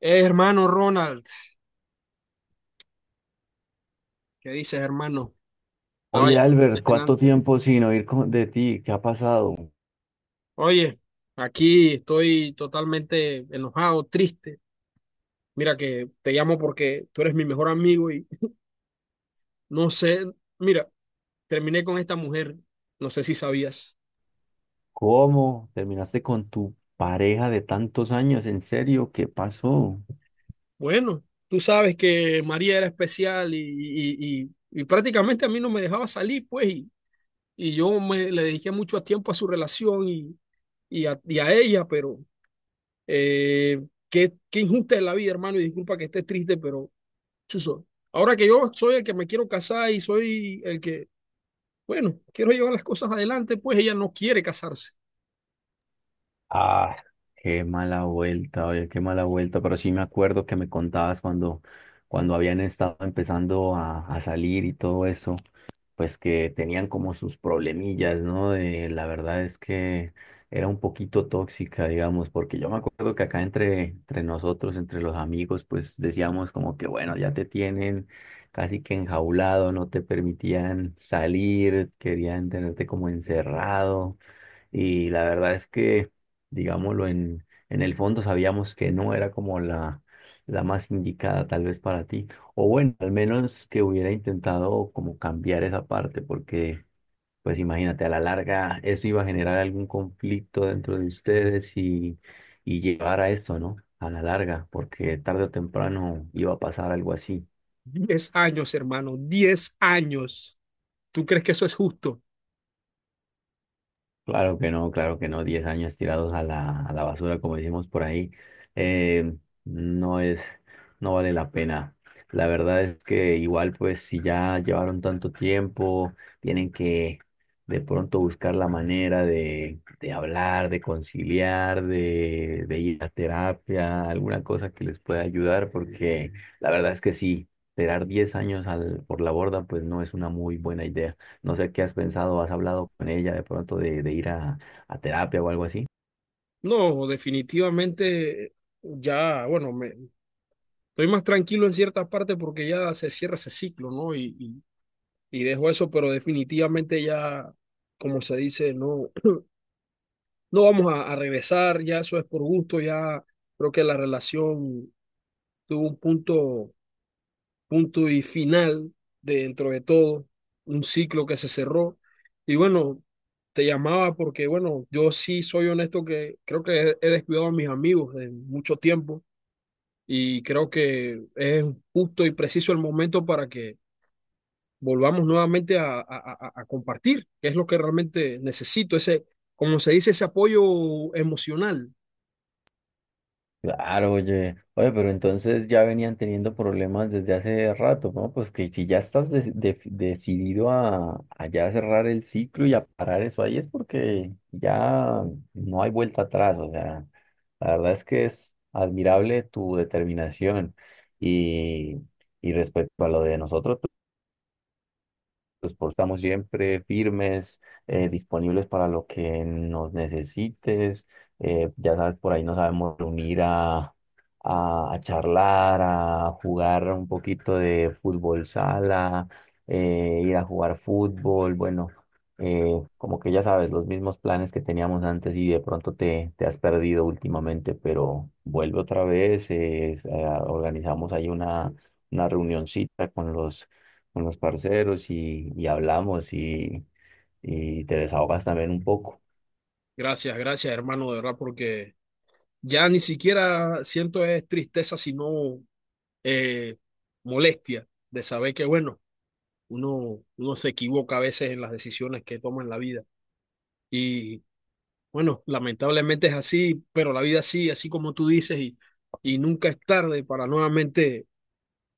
Hermano Ronald, ¿qué dices, hermano? Estaba Oye, Albert, ¿cuánto llenante. tiempo sin oír de ti? ¿Qué ha pasado? Oye, aquí estoy totalmente enojado, triste. Mira que te llamo porque tú eres mi mejor amigo y no sé, mira, terminé con esta mujer, no sé si sabías. ¿Cómo terminaste con tu pareja de tantos años? ¿En serio? ¿Qué pasó? Bueno, tú sabes que María era especial y prácticamente a mí no me dejaba salir, pues, y yo le dediqué mucho tiempo a su relación y, y a ella, pero Eh, qué injusta es la vida, hermano, y disculpa que esté triste, pero chuzo. Ahora que yo soy el que me quiero casar y soy el que, bueno, quiero llevar las cosas adelante, pues ella no quiere casarse. Ah, qué mala vuelta, oye, qué mala vuelta. Pero sí me acuerdo que me contabas cuando habían estado empezando a salir y todo eso. Pues que tenían como sus problemillas, ¿no? La verdad es que era un poquito tóxica, digamos, porque yo me acuerdo que acá entre nosotros, entre los amigos, pues decíamos como que, bueno, ya te tienen casi que enjaulado, no te permitían salir, querían tenerte como encerrado. Y la verdad es que, digámoslo, en el fondo sabíamos que no era como la más indicada tal vez para ti. O bueno, al menos que hubiera intentado como cambiar esa parte, porque pues imagínate, a la larga eso iba a generar algún conflicto dentro de ustedes y llevar a esto, ¿no? A la larga, porque tarde o temprano iba a pasar algo así. 10 años, hermano, 10 años. ¿Tú crees que eso es justo? Claro que no, claro que no. 10 años tirados a la basura, como decimos por ahí, eh, no es, no vale la pena. La verdad es que igual, pues, si ya llevaron tanto tiempo, tienen que de pronto buscar la manera de hablar, de conciliar, de ir a terapia, alguna cosa que les pueda ayudar, porque la verdad es que sí, tirar 10 años por la borda, pues no es una muy buena idea. No sé qué has pensado, has hablado con ella de pronto de ir a terapia o algo así. No, definitivamente ya, bueno, estoy más tranquilo en ciertas partes porque ya se cierra ese ciclo, ¿no? Y dejo eso, pero definitivamente ya, como se dice, no, no vamos a regresar, ya eso es por gusto, ya creo que la relación tuvo un punto, punto y final dentro de todo, un ciclo que se cerró. Y bueno, te llamaba porque, bueno, yo sí soy honesto que creo que he descuidado a mis amigos en mucho tiempo y creo que es justo y preciso el momento para que volvamos nuevamente a compartir, que es lo que realmente necesito, ese, como se dice, ese apoyo emocional. Claro, oye, oye, pero entonces ya venían teniendo problemas desde hace rato, ¿no? Pues que si ya estás decidido a ya cerrar el ciclo y a parar eso ahí es porque ya no hay vuelta atrás, o sea, la verdad es que es admirable tu determinación y, y respecto a lo de nosotros. Los estamos siempre firmes, disponibles para lo que nos necesites. Ya sabes, por ahí nos sabemos reunir a charlar, a jugar un poquito de fútbol sala, ir a jugar fútbol. Bueno, como que ya sabes, los mismos planes que teníamos antes y de pronto te has perdido últimamente, pero vuelve otra vez. Organizamos ahí una reunioncita con los parceros y hablamos y te desahogas también un poco. Gracias, gracias, hermano, de verdad, porque ya ni siquiera siento es tristeza, sino eh, molestia de saber que, bueno, uno se equivoca a veces en las decisiones que toma en la vida. Y bueno, lamentablemente es así, pero la vida sí, así como tú dices, y nunca es tarde para nuevamente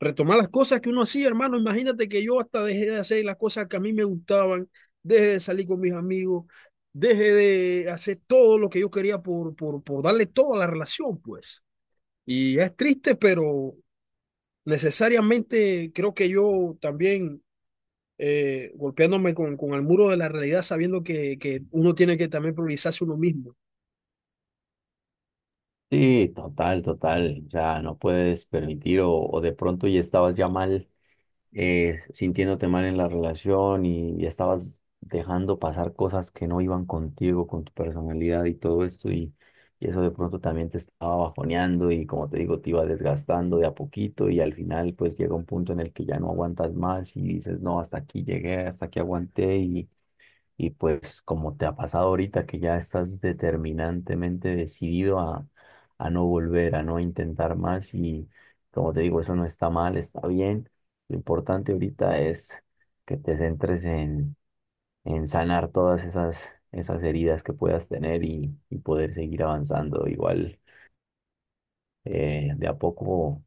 retomar las cosas que uno hacía, hermano. Imagínate que yo hasta dejé de hacer las cosas que a mí me gustaban, dejé de salir con mis amigos, dejé de hacer todo lo que yo quería por darle toda la relación, pues. Y es triste, pero necesariamente creo que yo también golpeándome con el muro de la realidad, sabiendo que uno tiene que también priorizarse uno mismo. Sí, total, total. O sea no puedes permitir o, de pronto ya estabas ya mal, sintiéndote mal en la relación y ya estabas dejando pasar cosas que no iban contigo, con tu personalidad y todo esto y eso de pronto también te estaba bajoneando y como te digo, te iba desgastando de a poquito y al final pues llega un punto en el que ya no aguantas más y dices, no, hasta aquí llegué, hasta aquí aguanté. Y pues como te ha pasado ahorita que ya estás determinantemente decidido a no volver, a no intentar más y como te digo, eso no está mal, está bien. Lo importante ahorita es que te centres en sanar todas esas heridas que puedas tener y poder seguir avanzando. Igual de a poco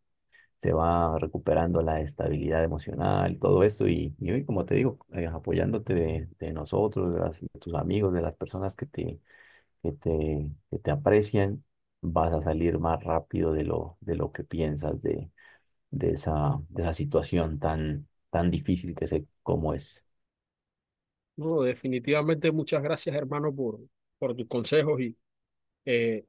se va recuperando la estabilidad emocional, todo eso. Y hoy, como te digo, apoyándote de nosotros, de tus amigos, de las personas que te aprecian, vas a salir más rápido de lo que piensas de esa situación tan difícil que sé cómo es. No, definitivamente muchas gracias, hermano, por tus consejos y, Eh,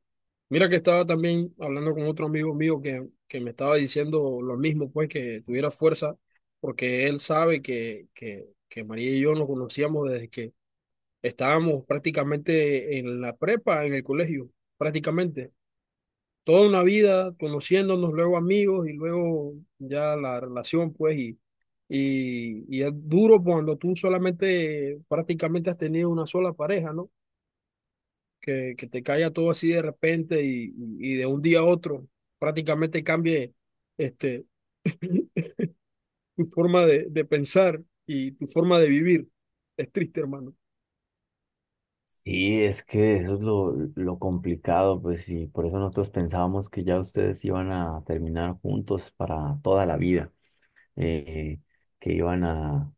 mira que estaba también hablando con otro amigo mío que me estaba diciendo lo mismo, pues que tuviera fuerza, porque él sabe que María y yo nos conocíamos desde que estábamos prácticamente en la prepa, en el colegio, prácticamente. Toda una vida conociéndonos, luego amigos y luego ya la relación, pues, y es duro cuando tú solamente prácticamente has tenido una sola pareja, ¿no? Que te caiga todo así de repente y de un día a otro prácticamente cambie este, tu forma de pensar y tu forma de vivir. Es triste, hermano. Sí, es que eso es lo complicado, pues, y por eso nosotros pensábamos que ya ustedes iban a terminar juntos para toda la vida. eh, que iban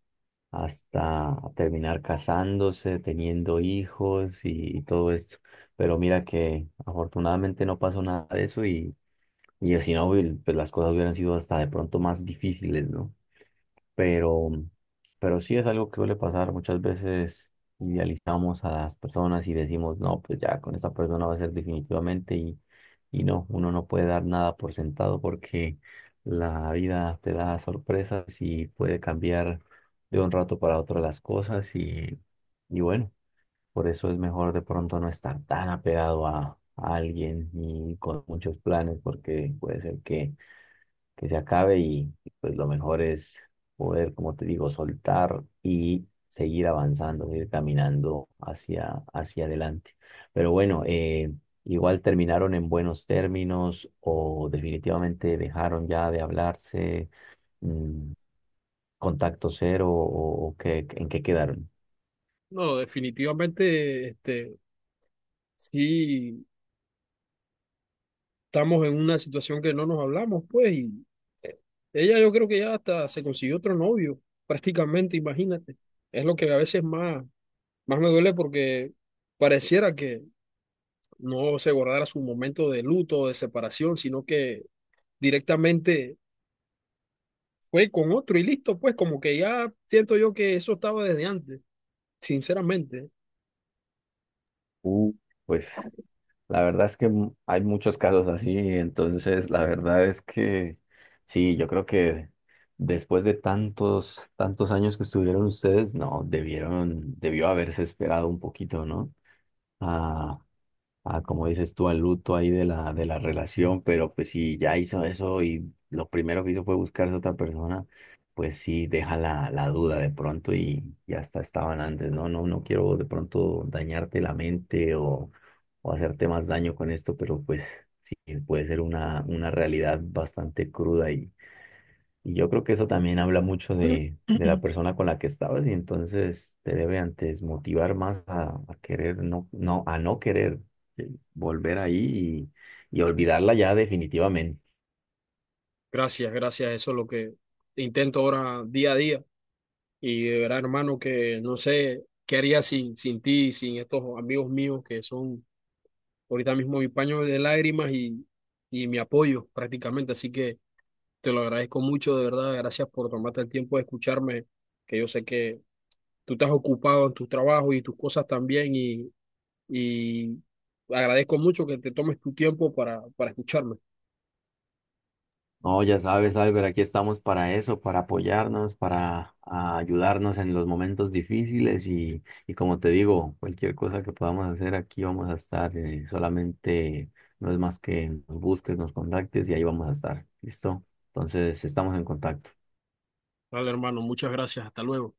hasta terminar casándose, teniendo hijos y todo esto. Pero mira que afortunadamente no pasó nada de eso y si no, pues las cosas hubieran sido hasta de pronto más difíciles, ¿no? pero, pero sí es algo que suele pasar. Muchas veces idealizamos a las personas y decimos, no, pues ya con esta persona va a ser definitivamente y no, uno no puede dar nada por sentado porque la vida te da sorpresas y puede cambiar de un rato para otro las cosas y bueno, por eso es mejor de pronto no estar tan apegado a alguien y con muchos planes porque puede ser que se acabe y, pues lo mejor es poder, como te digo, soltar y seguir avanzando, ir caminando hacia adelante. Pero bueno, igual terminaron en buenos términos o definitivamente dejaron ya de hablarse, mm, contacto cero o en qué quedaron. No, definitivamente, sí, estamos en una situación que no nos hablamos, pues, y ella yo creo que ya hasta se consiguió otro novio, prácticamente, imagínate. Es lo que a veces más me duele porque pareciera que no se guardara su momento de luto o de separación, sino que directamente fue con otro y listo, pues como que ya siento yo que eso estaba desde antes, sinceramente. Uh, pues la verdad es que hay muchos casos así, entonces la verdad es que sí, yo creo que después de tantos, tantos años que estuvieron ustedes, no, debió haberse esperado un poquito, ¿no? Ah, ah, como dices tú, al luto ahí de la relación, pero pues si ya hizo eso y lo primero que hizo fue buscarse a otra persona, pues sí deja la duda de pronto y hasta estaban antes, no, no, no quiero de pronto dañarte la mente o hacerte más daño con esto, pero pues sí, puede ser una realidad bastante cruda y yo creo que eso también habla mucho de la persona con la que estabas y entonces te debe antes motivar más a querer, no, no, a no querer volver ahí y olvidarla ya definitivamente. Gracias, gracias, eso es lo que intento ahora día a día. Y de verdad, hermano, que no sé qué haría sin ti, sin estos amigos míos que son ahorita mismo mi paño de lágrimas y mi apoyo prácticamente. Así que te lo agradezco mucho, de verdad. Gracias por tomarte el tiempo de escucharme, que yo sé que tú estás ocupado en tu trabajo y tus cosas también y agradezco mucho que te tomes tu tiempo para, escucharme. No, ya sabes, Albert, aquí estamos para eso, para apoyarnos, para ayudarnos en los momentos difíciles y como te digo, cualquier cosa que podamos hacer aquí vamos a estar, solamente no es más que nos busques, nos contactes y ahí vamos a estar, ¿listo? Entonces estamos en contacto. Vale, hermano, muchas gracias. Hasta luego.